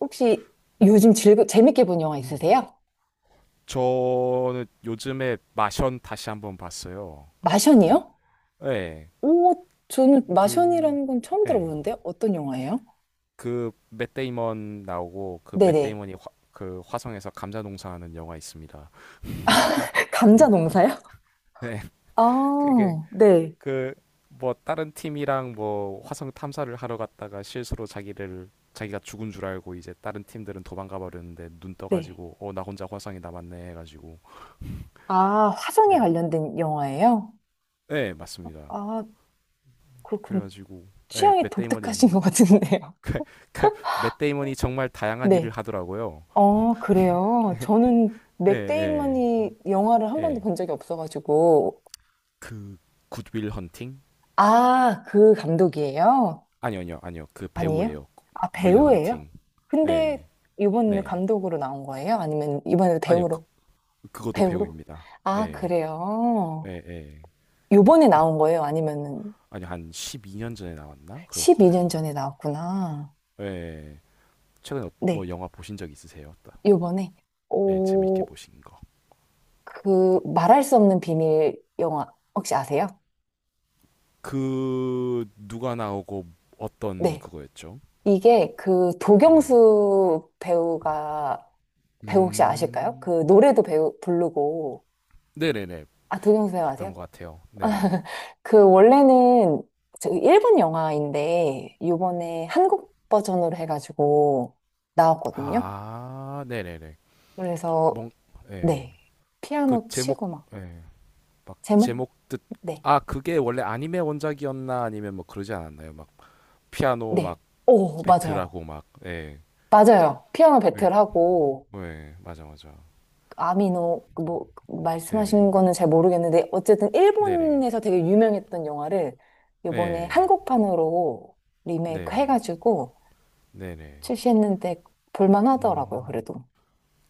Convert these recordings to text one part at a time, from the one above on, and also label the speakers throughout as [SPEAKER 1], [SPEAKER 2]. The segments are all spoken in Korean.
[SPEAKER 1] 혹시 요즘 재밌게 본 영화
[SPEAKER 2] 음.
[SPEAKER 1] 있으세요?
[SPEAKER 2] 저는 요즘에 마션 다시 한번 봤어요.
[SPEAKER 1] 마션이요?
[SPEAKER 2] 예,
[SPEAKER 1] 오, 저는
[SPEAKER 2] 그,
[SPEAKER 1] 마션이라는 건 처음
[SPEAKER 2] 예,
[SPEAKER 1] 들어보는데요. 어떤 영화예요?
[SPEAKER 2] 그맷 데이먼 나오고 그 맷
[SPEAKER 1] 네네.
[SPEAKER 2] 데이먼이 그 화성에서 감자 농사하는 영화 있습니다.
[SPEAKER 1] 감자 농사요?
[SPEAKER 2] 예, 그게
[SPEAKER 1] 아, 네,
[SPEAKER 2] 그 뭐 다른 팀이랑 뭐 화성 탐사를 하러 갔다가 실수로 자기를 자기가 죽은 줄 알고 이제 다른 팀들은 도망가 버렸는데 눈
[SPEAKER 1] 네.
[SPEAKER 2] 떠가지고 어 나 혼자 화성에 남았네 해가지고
[SPEAKER 1] 아, 화성에
[SPEAKER 2] 네,
[SPEAKER 1] 관련된 영화예요?
[SPEAKER 2] 네 맞습니다.
[SPEAKER 1] 아, 그렇군.
[SPEAKER 2] 그래가지고 예,
[SPEAKER 1] 취향이
[SPEAKER 2] 맷
[SPEAKER 1] 독특하신
[SPEAKER 2] 데이먼이
[SPEAKER 1] 것 같은데요.
[SPEAKER 2] 맷 데이먼이 정말 다양한 일을
[SPEAKER 1] 네.
[SPEAKER 2] 하더라고요.
[SPEAKER 1] 어, 그래요. 저는
[SPEAKER 2] 예, 예,
[SPEAKER 1] 맥데이먼이 영화를 한 번도
[SPEAKER 2] 예.
[SPEAKER 1] 본 적이 없어가지고.
[SPEAKER 2] 그 굿윌 헌팅?
[SPEAKER 1] 아, 그 감독이에요?
[SPEAKER 2] 아니요, 아니요, 아니요. 그
[SPEAKER 1] 아니에요?
[SPEAKER 2] 배우예요.
[SPEAKER 1] 아,
[SPEAKER 2] 윌
[SPEAKER 1] 배우예요?
[SPEAKER 2] 헌팅.
[SPEAKER 1] 근데
[SPEAKER 2] 예,
[SPEAKER 1] 이번에는
[SPEAKER 2] 네.
[SPEAKER 1] 감독으로 나온 거예요? 아니면 이번에도
[SPEAKER 2] 아니요,
[SPEAKER 1] 배우로?
[SPEAKER 2] 그것도
[SPEAKER 1] 배우로?
[SPEAKER 2] 배우입니다.
[SPEAKER 1] 아,
[SPEAKER 2] 예, 예,
[SPEAKER 1] 그래요.
[SPEAKER 2] 예.
[SPEAKER 1] 요번에 나온 거예요? 아니면은
[SPEAKER 2] 아니요, 한 12년 전에 나왔나? 그럴
[SPEAKER 1] 12년
[SPEAKER 2] 거예요.
[SPEAKER 1] 전에 나왔구나.
[SPEAKER 2] 예. 최근에
[SPEAKER 1] 네,
[SPEAKER 2] 뭐 영화 보신 적 있으세요?
[SPEAKER 1] 요번에.
[SPEAKER 2] 예, 재밌게
[SPEAKER 1] 오,
[SPEAKER 2] 보신 거.
[SPEAKER 1] 그 말할 수 없는 비밀 영화 혹시 아세요?
[SPEAKER 2] 그 누가 나오고 어떤
[SPEAKER 1] 네.
[SPEAKER 2] 그거였죠?
[SPEAKER 1] 이게 그
[SPEAKER 2] 네네.
[SPEAKER 1] 도경수 배우가 배우 혹시 아실까요?
[SPEAKER 2] 음,
[SPEAKER 1] 그 노래도 배우 부르고.
[SPEAKER 2] 네네네.
[SPEAKER 1] 아, 도경수 배우
[SPEAKER 2] 봤던
[SPEAKER 1] 아세요?
[SPEAKER 2] 것 같아요. 네네.
[SPEAKER 1] 그 원래는 저 일본 영화인데 요번에 한국 버전으로 해가지고 나왔거든요.
[SPEAKER 2] 아, 네네네.
[SPEAKER 1] 그래서
[SPEAKER 2] 뭔, 예.
[SPEAKER 1] 네,
[SPEAKER 2] 그
[SPEAKER 1] 피아노
[SPEAKER 2] 제목,
[SPEAKER 1] 치고 막
[SPEAKER 2] 예. 막
[SPEAKER 1] 제목. 네,
[SPEAKER 2] 아, 그게 원래 아니메 원작이었나 아니면 뭐 그러지 않았나요? 막 피아노
[SPEAKER 1] 네.
[SPEAKER 2] 막
[SPEAKER 1] 오, 맞아요.
[SPEAKER 2] 배틀하고 막, 예.
[SPEAKER 1] 맞아요, 피아노
[SPEAKER 2] 네,
[SPEAKER 1] 배틀하고
[SPEAKER 2] 예, 맞아, 맞아.
[SPEAKER 1] 아미노 그뭐
[SPEAKER 2] 네네.
[SPEAKER 1] 말씀하신 거는 잘 모르겠는데 어쨌든
[SPEAKER 2] 네네.
[SPEAKER 1] 일본에서 되게 유명했던 영화를 요번에
[SPEAKER 2] 예.
[SPEAKER 1] 한국판으로 리메이크
[SPEAKER 2] 네네.
[SPEAKER 1] 해가지고
[SPEAKER 2] 네네.
[SPEAKER 1] 출시했는데 볼만하더라고요,
[SPEAKER 2] 음,
[SPEAKER 1] 그래도.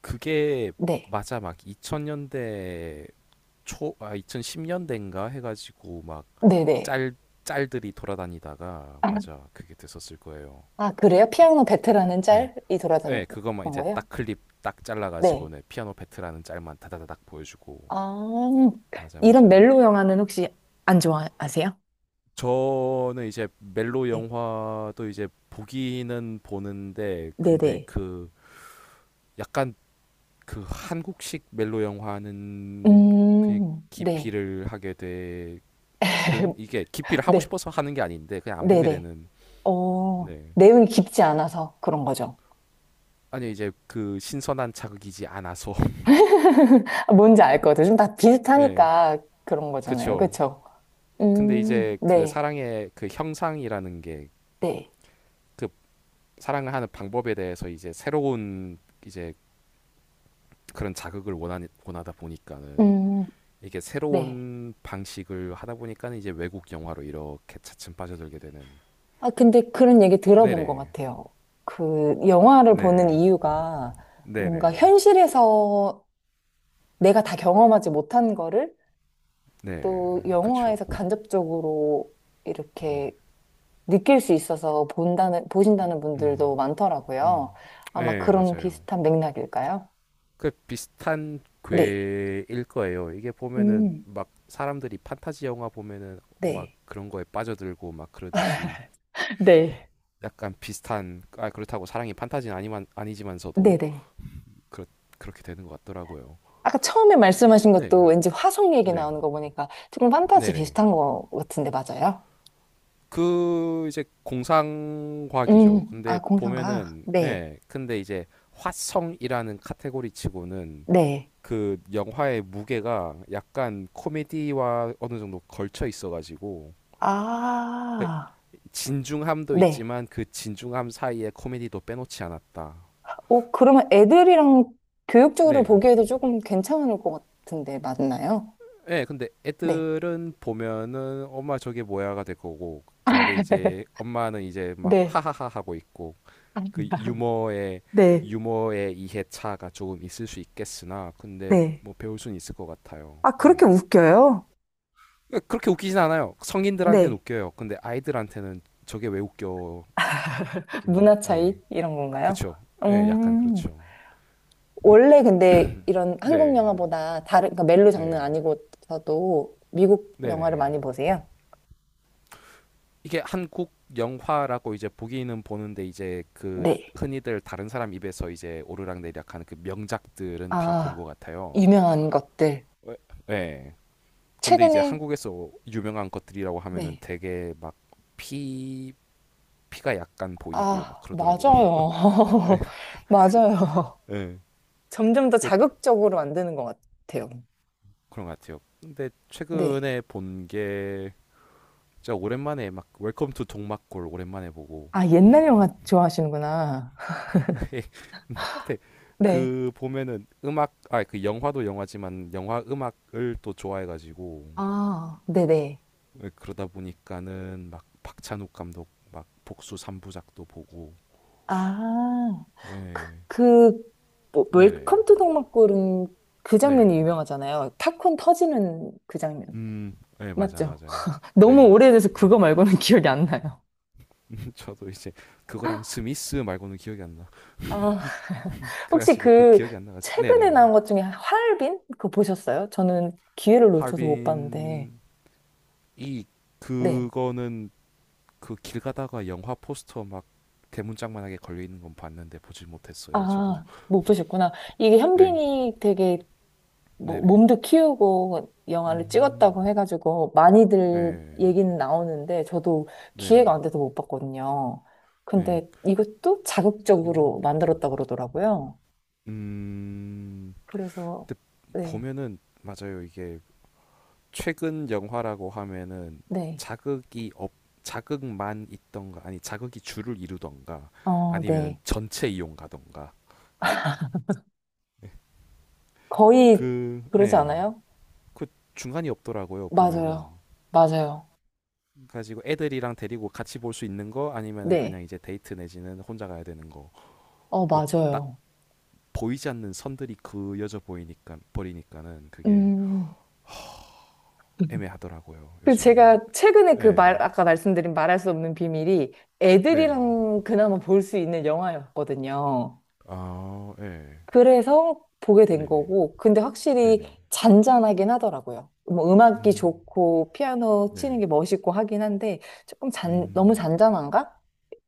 [SPEAKER 2] 그게
[SPEAKER 1] 네.
[SPEAKER 2] 맞아. 막 2000년대 초, 아, 2010년대인가 해가지고 막
[SPEAKER 1] 네네.
[SPEAKER 2] 짤, 짤들이 돌아다니다가,
[SPEAKER 1] 아,
[SPEAKER 2] 맞아. 그게 됐었을 거예요.
[SPEAKER 1] 아, 그래요? 피아노
[SPEAKER 2] 음,
[SPEAKER 1] 베테랑은
[SPEAKER 2] 예.
[SPEAKER 1] 짤이
[SPEAKER 2] 네,
[SPEAKER 1] 돌아다녔던
[SPEAKER 2] 그것만 이제
[SPEAKER 1] 거예요?
[SPEAKER 2] 딱 클립 딱
[SPEAKER 1] 네.
[SPEAKER 2] 잘라가지고는 피아노 페트라는 짤만 다다다닥 보여주고
[SPEAKER 1] 아,
[SPEAKER 2] 맞아
[SPEAKER 1] 이런
[SPEAKER 2] 맞아.
[SPEAKER 1] 멜로 영화는 혹시 안 좋아하세요?
[SPEAKER 2] 저는 이제 멜로
[SPEAKER 1] 네.
[SPEAKER 2] 영화도 이제 보기는 보는데 근데
[SPEAKER 1] 네네.
[SPEAKER 2] 그 약간 그 한국식 멜로 영화는 그냥
[SPEAKER 1] 네.
[SPEAKER 2] 기피를 하게 되는 이게 기피를 하고
[SPEAKER 1] 네.
[SPEAKER 2] 싶어서 하는 게 아닌데 그냥 안 보게
[SPEAKER 1] 네네.
[SPEAKER 2] 되는
[SPEAKER 1] 어,
[SPEAKER 2] 네
[SPEAKER 1] 내용이 깊지 않아서 그런 거죠.
[SPEAKER 2] 아니 이제 그 신선한 자극이지 않아서
[SPEAKER 1] 뭔지 알 거죠. 좀 다
[SPEAKER 2] 예
[SPEAKER 1] 비슷하니까 그런 거잖아요.
[SPEAKER 2] 그쵸.
[SPEAKER 1] 그쵸?
[SPEAKER 2] 근데 이제 그
[SPEAKER 1] 네.
[SPEAKER 2] 사랑의 그 형상이라는 게
[SPEAKER 1] 네.
[SPEAKER 2] 그 사랑을 하는 방법에 대해서 이제 새로운 이제 그런 원하다 보니까는
[SPEAKER 1] 음,
[SPEAKER 2] 이게
[SPEAKER 1] 네.
[SPEAKER 2] 새로운 방식을 하다 보니까는 이제 외국 영화로 이렇게 차츰 빠져들게 되는
[SPEAKER 1] 아, 근데 그런 얘기 들어본 것
[SPEAKER 2] 네네
[SPEAKER 1] 같아요. 그, 영화를 보는
[SPEAKER 2] 네
[SPEAKER 1] 이유가 뭔가
[SPEAKER 2] 네네
[SPEAKER 1] 현실에서 내가 다 경험하지 못한 거를
[SPEAKER 2] 네
[SPEAKER 1] 또
[SPEAKER 2] 그쵸
[SPEAKER 1] 영화에서 간접적으로 이렇게
[SPEAKER 2] 음,
[SPEAKER 1] 느낄 수 있어서 본다는, 보신다는
[SPEAKER 2] 음,
[SPEAKER 1] 분들도
[SPEAKER 2] 음.
[SPEAKER 1] 많더라고요. 아마
[SPEAKER 2] 네
[SPEAKER 1] 그런
[SPEAKER 2] 맞아요.
[SPEAKER 1] 비슷한 맥락일까요?
[SPEAKER 2] 그 비슷한
[SPEAKER 1] 네.
[SPEAKER 2] 궤일 거예요. 이게 보면은
[SPEAKER 1] 음,
[SPEAKER 2] 막 사람들이 판타지 영화 보면은 막
[SPEAKER 1] 네.
[SPEAKER 2] 그런 거에 빠져들고 막 그러듯이
[SPEAKER 1] 네.
[SPEAKER 2] 약간 비슷한. 아 그렇다고 사랑이 판타지는 아니만 아니지만서도
[SPEAKER 1] 네네.
[SPEAKER 2] 그렇 그렇게 되는 것 같더라고요.
[SPEAKER 1] 아까 처음에 말씀하신 것도
[SPEAKER 2] 네,
[SPEAKER 1] 왠지 화성 얘기
[SPEAKER 2] 네,
[SPEAKER 1] 나오는 거 보니까 조금 판타지
[SPEAKER 2] 네네.
[SPEAKER 1] 비슷한 것 같은데 맞아요?
[SPEAKER 2] 그 이제 공상과학이죠. 근데
[SPEAKER 1] 아, 공상과학.
[SPEAKER 2] 보면은
[SPEAKER 1] 네,
[SPEAKER 2] 예, 근데 이제 화성이라는 카테고리치고는
[SPEAKER 1] 네.
[SPEAKER 2] 그 영화의 무게가 약간 코미디와 어느 정도 걸쳐 있어가지고 그
[SPEAKER 1] 아,
[SPEAKER 2] 진중함도
[SPEAKER 1] 네.
[SPEAKER 2] 있지만 그 진중함 사이에 코미디도 빼놓지 않았다.
[SPEAKER 1] 어, 그러면 애들이랑 교육적으로
[SPEAKER 2] 네,
[SPEAKER 1] 보기에도 조금 괜찮을 것 같은데, 맞나요?
[SPEAKER 2] 예, 근데
[SPEAKER 1] 네.
[SPEAKER 2] 애들은 보면은 엄마 저게 뭐야가 될 거고, 근데 이제 엄마는 이제 막
[SPEAKER 1] 네,
[SPEAKER 2] 하하하 하고 있고, 그 유머의
[SPEAKER 1] 네,
[SPEAKER 2] 유머의 이해차가 조금 있을 수 있겠으나, 근데
[SPEAKER 1] 네.
[SPEAKER 2] 뭐 배울 수는 있을 것 같아요.
[SPEAKER 1] 아,
[SPEAKER 2] 예.
[SPEAKER 1] 그렇게 웃겨요?
[SPEAKER 2] 그러니까 그렇게 웃기진 않아요. 성인들한테는
[SPEAKER 1] 네.
[SPEAKER 2] 웃겨요. 근데 아이들한테는 저게 왜 웃겨?
[SPEAKER 1] 문화 차이?
[SPEAKER 2] 예,
[SPEAKER 1] 이런 건가요?
[SPEAKER 2] 그쵸. 예, 약간
[SPEAKER 1] 음.
[SPEAKER 2] 그렇죠.
[SPEAKER 1] 원래 근데 이런 한국
[SPEAKER 2] 네,
[SPEAKER 1] 영화보다 다른, 그러니까 멜로 장르
[SPEAKER 2] 네,
[SPEAKER 1] 아니고서도 미국 영화를
[SPEAKER 2] 네네.
[SPEAKER 1] 많이 보세요?
[SPEAKER 2] 이게 한국 영화라고 이제 보기는 보는데 이제 그
[SPEAKER 1] 네.
[SPEAKER 2] 흔히들 다른 사람 입에서 이제 오르락내리락 하는 그 명작들은 다 본
[SPEAKER 1] 아,
[SPEAKER 2] 것 같아요.
[SPEAKER 1] 유명한 것들.
[SPEAKER 2] 왜? 네. 근데 이제
[SPEAKER 1] 최근에,
[SPEAKER 2] 한국에서 유명한 것들이라고 하면은
[SPEAKER 1] 네.
[SPEAKER 2] 되게 막 피, 피가 약간 보이고 막
[SPEAKER 1] 아,
[SPEAKER 2] 그러더라고요.
[SPEAKER 1] 맞아요.
[SPEAKER 2] 예.
[SPEAKER 1] 맞아요.
[SPEAKER 2] 예.
[SPEAKER 1] 점점 더
[SPEAKER 2] 그
[SPEAKER 1] 자극적으로 만드는 것 같아요.
[SPEAKER 2] 그런 것 같아요. 근데
[SPEAKER 1] 네.
[SPEAKER 2] 최근에 본 게 진짜 오랜만에 막 웰컴 투 동막골 오랜만에 보고
[SPEAKER 1] 아, 옛날 영화 좋아하시는구나.
[SPEAKER 2] 근데
[SPEAKER 1] 네.
[SPEAKER 2] 그 보면은 음악 아 그 영화도 영화지만 영화 음악을 또 좋아해가지고
[SPEAKER 1] 아, 네네.
[SPEAKER 2] 예, 그러다 보니까는 막 박찬욱 감독 막 복수 삼부작도 보고
[SPEAKER 1] 아,
[SPEAKER 2] 예
[SPEAKER 1] 그, 뭐,
[SPEAKER 2] 네네
[SPEAKER 1] 웰컴 투 동막골은 그 장면이
[SPEAKER 2] 네음예
[SPEAKER 1] 유명하잖아요. 팝콘 터지는 그 장면.
[SPEAKER 2] 맞아
[SPEAKER 1] 맞죠?
[SPEAKER 2] 맞아요.
[SPEAKER 1] 너무
[SPEAKER 2] 예
[SPEAKER 1] 오래돼서 그거 말고는 기억이 안 나요.
[SPEAKER 2] 저도 이제 그거랑 스미스 말고는 기억이 안 나.
[SPEAKER 1] 아, 혹시
[SPEAKER 2] 그래가지고 그
[SPEAKER 1] 그
[SPEAKER 2] 기억이 안 나가지고
[SPEAKER 1] 최근에
[SPEAKER 2] 네네.
[SPEAKER 1] 나온 것 중에 하얼빈? 그거 보셨어요? 저는 기회를 놓쳐서 못 봤는데.
[SPEAKER 2] 할빈 이
[SPEAKER 1] 네.
[SPEAKER 2] 그거는 그 길 가다가 영화 포스터 막 대문짝만하게 걸려 있는 건 봤는데 보질 못했어요. 저도.
[SPEAKER 1] 아, 못 보셨구나. 이게
[SPEAKER 2] 네,
[SPEAKER 1] 현빈이 되게 뭐
[SPEAKER 2] 네네.
[SPEAKER 1] 몸도 키우고 영화를
[SPEAKER 2] 음,
[SPEAKER 1] 찍었다고 해가지고 많이들
[SPEAKER 2] 네,
[SPEAKER 1] 얘기는 나오는데 저도 기회가
[SPEAKER 2] 네네.
[SPEAKER 1] 안 돼서 못 봤거든요.
[SPEAKER 2] 네,
[SPEAKER 1] 근데 이것도
[SPEAKER 2] 음,
[SPEAKER 1] 자극적으로 만들었다고 그러더라고요.
[SPEAKER 2] 음,
[SPEAKER 1] 그래서,
[SPEAKER 2] 근데
[SPEAKER 1] 네,
[SPEAKER 2] 보면은 맞아요. 이게 최근 영화라고 하면은
[SPEAKER 1] 네,
[SPEAKER 2] 자극이 없, 자극만 있던가 아니 자극이 줄을 이루던가
[SPEAKER 1] 어,
[SPEAKER 2] 아니면
[SPEAKER 1] 네.
[SPEAKER 2] 전체 이용 가던가. 네.
[SPEAKER 1] 거의
[SPEAKER 2] 그,
[SPEAKER 1] 그러지
[SPEAKER 2] 예,
[SPEAKER 1] 않아요?
[SPEAKER 2] 그 중간이 없더라고요. 보면은
[SPEAKER 1] 맞아요. 맞아요.
[SPEAKER 2] 가지고 애들이랑 데리고 같이 볼 수 있는 거 아니면은 그냥
[SPEAKER 1] 네.
[SPEAKER 2] 이제 데이트 내지는 혼자 가야 되는 거로
[SPEAKER 1] 어,
[SPEAKER 2] 딱
[SPEAKER 1] 맞아요.
[SPEAKER 2] 보이지 않는 선들이 그여져 보이니까 버리니까는 그게
[SPEAKER 1] 음.
[SPEAKER 2] 애매하더라고요
[SPEAKER 1] 그
[SPEAKER 2] 요즘에는.
[SPEAKER 1] 제가 최근에 그
[SPEAKER 2] 네
[SPEAKER 1] 아까 말씀드린 말할 수 없는 비밀이
[SPEAKER 2] 네네
[SPEAKER 1] 애들이랑 그나마 볼 수 있는 영화였거든요.
[SPEAKER 2] 아 네
[SPEAKER 1] 그래서 보게 된
[SPEAKER 2] 네네
[SPEAKER 1] 거고, 근데 확실히
[SPEAKER 2] 네네
[SPEAKER 1] 잔잔하긴 하더라고요. 뭐 음악이
[SPEAKER 2] 음
[SPEAKER 1] 좋고, 피아노 치는
[SPEAKER 2] 네네
[SPEAKER 1] 게 멋있고 하긴 한데, 조금 너무
[SPEAKER 2] 음
[SPEAKER 1] 잔잔한가?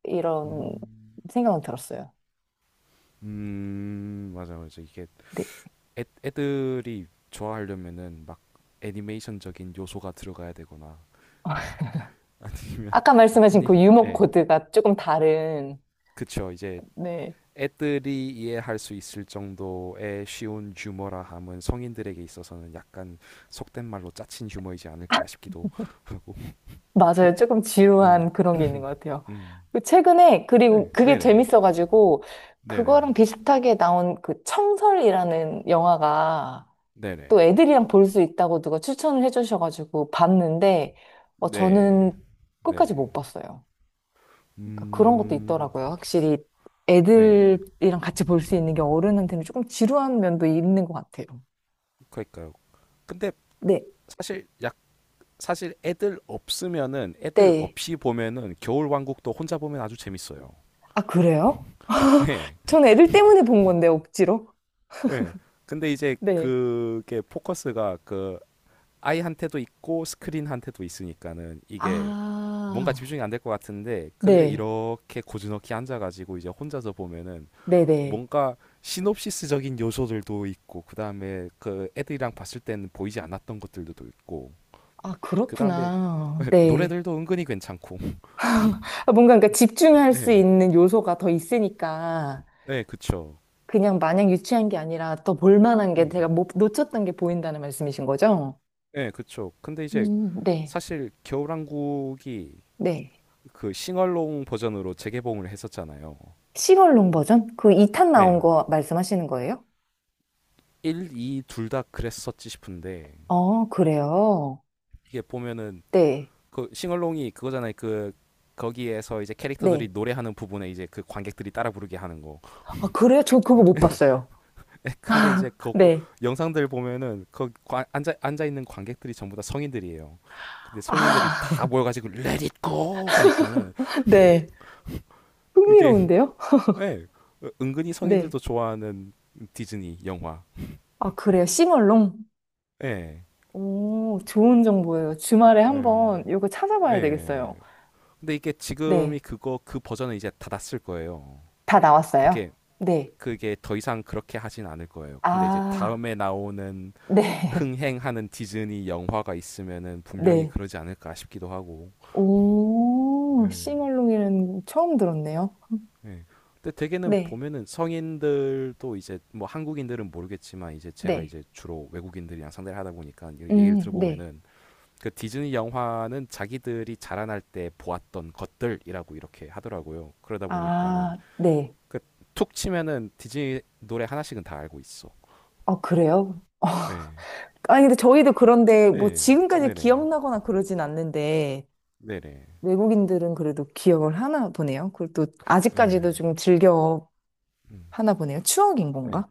[SPEAKER 1] 이런
[SPEAKER 2] 음,
[SPEAKER 1] 생각은 들었어요.
[SPEAKER 2] 맞아 맞아. 이게
[SPEAKER 1] 네.
[SPEAKER 2] 애들이 좋아하려면은 막 애니메이션적인 요소가 들어가야 되거나 아니면
[SPEAKER 1] 아까 말씀하신
[SPEAKER 2] 아니
[SPEAKER 1] 그 유머
[SPEAKER 2] 네
[SPEAKER 1] 코드가 조금 다른,
[SPEAKER 2] 그쵸. 이제
[SPEAKER 1] 네,
[SPEAKER 2] 애들이 이해할 수 있을 정도의 쉬운 유머라 함은 성인들에게 있어서는 약간 속된 말로 짜친 유머이지 않을까 싶기도 하고.
[SPEAKER 1] 맞아요. 조금
[SPEAKER 2] 네,
[SPEAKER 1] 지루한 그런 게 있는 것 같아요.
[SPEAKER 2] 음.
[SPEAKER 1] 그 최근에,
[SPEAKER 2] 네,
[SPEAKER 1] 그리고 그게
[SPEAKER 2] 네네,
[SPEAKER 1] 재밌어가지고,
[SPEAKER 2] 네네,
[SPEAKER 1] 그거랑 비슷하게 나온 그 청설이라는 영화가
[SPEAKER 2] 네네,
[SPEAKER 1] 또 애들이랑 볼 수 있다고 누가 추천을 해주셔가지고 봤는데, 어, 저는
[SPEAKER 2] 네, 네네.
[SPEAKER 1] 끝까지 못 봤어요. 그러니까 그런 것도
[SPEAKER 2] 음,
[SPEAKER 1] 있더라고요. 확실히
[SPEAKER 2] 네,
[SPEAKER 1] 애들이랑 같이 볼 수 있는 게 어른한테는 조금 지루한 면도 있는 것 같아요.
[SPEAKER 2] 그러니까요. 근데
[SPEAKER 1] 네,
[SPEAKER 2] 사실 약 사실 애들 없으면은 애들
[SPEAKER 1] 네.
[SPEAKER 2] 없이 보면은 겨울왕국도 혼자 보면 아주 재밌어요.
[SPEAKER 1] 아, 그래요?
[SPEAKER 2] 네,
[SPEAKER 1] 저는 애들 때문에 본 건데, 억지로.
[SPEAKER 2] 네. 근데 이제
[SPEAKER 1] 네.
[SPEAKER 2] 그게 포커스가 그 아이한테도 있고 스크린한테도 있으니까는 이게 뭔가
[SPEAKER 1] 아.
[SPEAKER 2] 집중이 안 될 것 같은데 근데
[SPEAKER 1] 네,
[SPEAKER 2] 이렇게 고즈넉히 앉아가지고 이제 혼자서 보면은
[SPEAKER 1] 네네.
[SPEAKER 2] 뭔가 시놉시스적인 요소들도 있고 그 다음에 그 애들이랑 봤을 때는 보이지 않았던 것들도 또 있고
[SPEAKER 1] 아,
[SPEAKER 2] 그 다음에
[SPEAKER 1] 그렇구나. 네.
[SPEAKER 2] 노래들도 은근히 괜찮고
[SPEAKER 1] 아, 뭔가 그러니까 집중할 수
[SPEAKER 2] 네
[SPEAKER 1] 있는 요소가 더 있으니까
[SPEAKER 2] 네 그쵸
[SPEAKER 1] 그냥 마냥 유치한 게 아니라 더 볼만한 게
[SPEAKER 2] 네
[SPEAKER 1] 제가 못, 놓쳤던 게 보인다는 말씀이신 거죠?
[SPEAKER 2] 네 그쵸. 근데 이제
[SPEAKER 1] 네,
[SPEAKER 2] 사실 겨울왕국이
[SPEAKER 1] 네.
[SPEAKER 2] 그 싱얼롱 버전으로 재개봉을 했었잖아요.
[SPEAKER 1] 시0월롱 버전? 그 2탄 나온
[SPEAKER 2] 네
[SPEAKER 1] 거 말씀하시는 거예요?
[SPEAKER 2] 1, 2 둘 다 그랬었지 싶은데
[SPEAKER 1] 어, 그래요.
[SPEAKER 2] 이게 보면은
[SPEAKER 1] 네,
[SPEAKER 2] 그 싱얼롱이 그거잖아요. 그 거기에서 이제 캐릭터들이
[SPEAKER 1] 네.
[SPEAKER 2] 노래하는 부분에 이제 그 관객들이 따라 부르게 하는 거.
[SPEAKER 1] 아, 그래요? 저 그거 못 봤어요.
[SPEAKER 2] 근데 이제 그
[SPEAKER 1] 네.
[SPEAKER 2] 영상들 보면은 앉아 있는 관객들이 전부 다 성인들이에요. 근데 성인들이 다
[SPEAKER 1] 아,
[SPEAKER 2] 모여가지고 Let It Go 하니까는
[SPEAKER 1] 네.
[SPEAKER 2] 이게
[SPEAKER 1] 흥미로운데요?
[SPEAKER 2] 예 은근히
[SPEAKER 1] 네.
[SPEAKER 2] 성인들도 좋아하는 디즈니 영화.
[SPEAKER 1] 아, 그래요. 싱얼롱?
[SPEAKER 2] 예.
[SPEAKER 1] 오, 좋은 정보예요. 주말에
[SPEAKER 2] 예.
[SPEAKER 1] 한번 이거 찾아봐야
[SPEAKER 2] 예.
[SPEAKER 1] 되겠어요.
[SPEAKER 2] 근데 이게 지금이
[SPEAKER 1] 네.
[SPEAKER 2] 그거 그 버전은 이제 닫았을 거예요.
[SPEAKER 1] 다 나왔어요?
[SPEAKER 2] 그게
[SPEAKER 1] 네.
[SPEAKER 2] 그게 더 이상 그렇게 하진 않을 거예요. 근데 이제
[SPEAKER 1] 아,
[SPEAKER 2] 다음에 나오는
[SPEAKER 1] 네.
[SPEAKER 2] 흥행하는 디즈니 영화가 있으면은 분명히
[SPEAKER 1] 네.
[SPEAKER 2] 그러지 않을까 싶기도 하고.
[SPEAKER 1] 오,
[SPEAKER 2] 예.
[SPEAKER 1] 씨멀롱이는 처음 들었네요.
[SPEAKER 2] 예. 근데 대개는
[SPEAKER 1] 네.
[SPEAKER 2] 보면은 성인들도 이제 뭐 한국인들은 모르겠지만 이제 제가
[SPEAKER 1] 네.
[SPEAKER 2] 이제 주로 외국인들이랑 상대를 하다 보니까 이 얘기를
[SPEAKER 1] 네.
[SPEAKER 2] 들어보면은 그 디즈니 영화는 자기들이 자라날 때 보았던 것들이라고 이렇게 하더라고요. 그러다 보니까는
[SPEAKER 1] 아, 네.
[SPEAKER 2] 그 툭 치면은 디즈니 노래 하나씩은 다 알고 있어.
[SPEAKER 1] 아, 그래요?
[SPEAKER 2] 예.
[SPEAKER 1] 아니, 근데 저희도 그런데 뭐
[SPEAKER 2] 예.
[SPEAKER 1] 지금까지
[SPEAKER 2] 네네.
[SPEAKER 1] 기억나거나 그러진 않는데
[SPEAKER 2] 네네.
[SPEAKER 1] 외국인들은 그래도 기억을 하나 보네요. 그리고 또
[SPEAKER 2] 예.
[SPEAKER 1] 아직까지도 좀 즐겨
[SPEAKER 2] 음.
[SPEAKER 1] 하나 보네요. 추억인
[SPEAKER 2] 예.
[SPEAKER 1] 건가?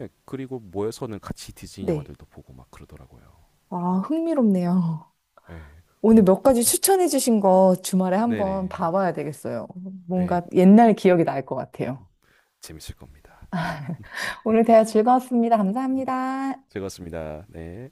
[SPEAKER 2] 예. 그리고 모여서는 같이 디즈니
[SPEAKER 1] 네.
[SPEAKER 2] 영화들도 보고 막 그러더라고요.
[SPEAKER 1] 아, 흥미롭네요.
[SPEAKER 2] 예.
[SPEAKER 1] 오늘 몇 가지 추천해 주신 거 주말에 한번
[SPEAKER 2] 네네.
[SPEAKER 1] 봐봐야 되겠어요.
[SPEAKER 2] 예.
[SPEAKER 1] 뭔가 옛날 기억이 날 것 같아요.
[SPEAKER 2] 재밌을 겁니다.
[SPEAKER 1] 오늘 대화 즐거웠습니다. 감사합니다.
[SPEAKER 2] 즐거웠습니다. 네.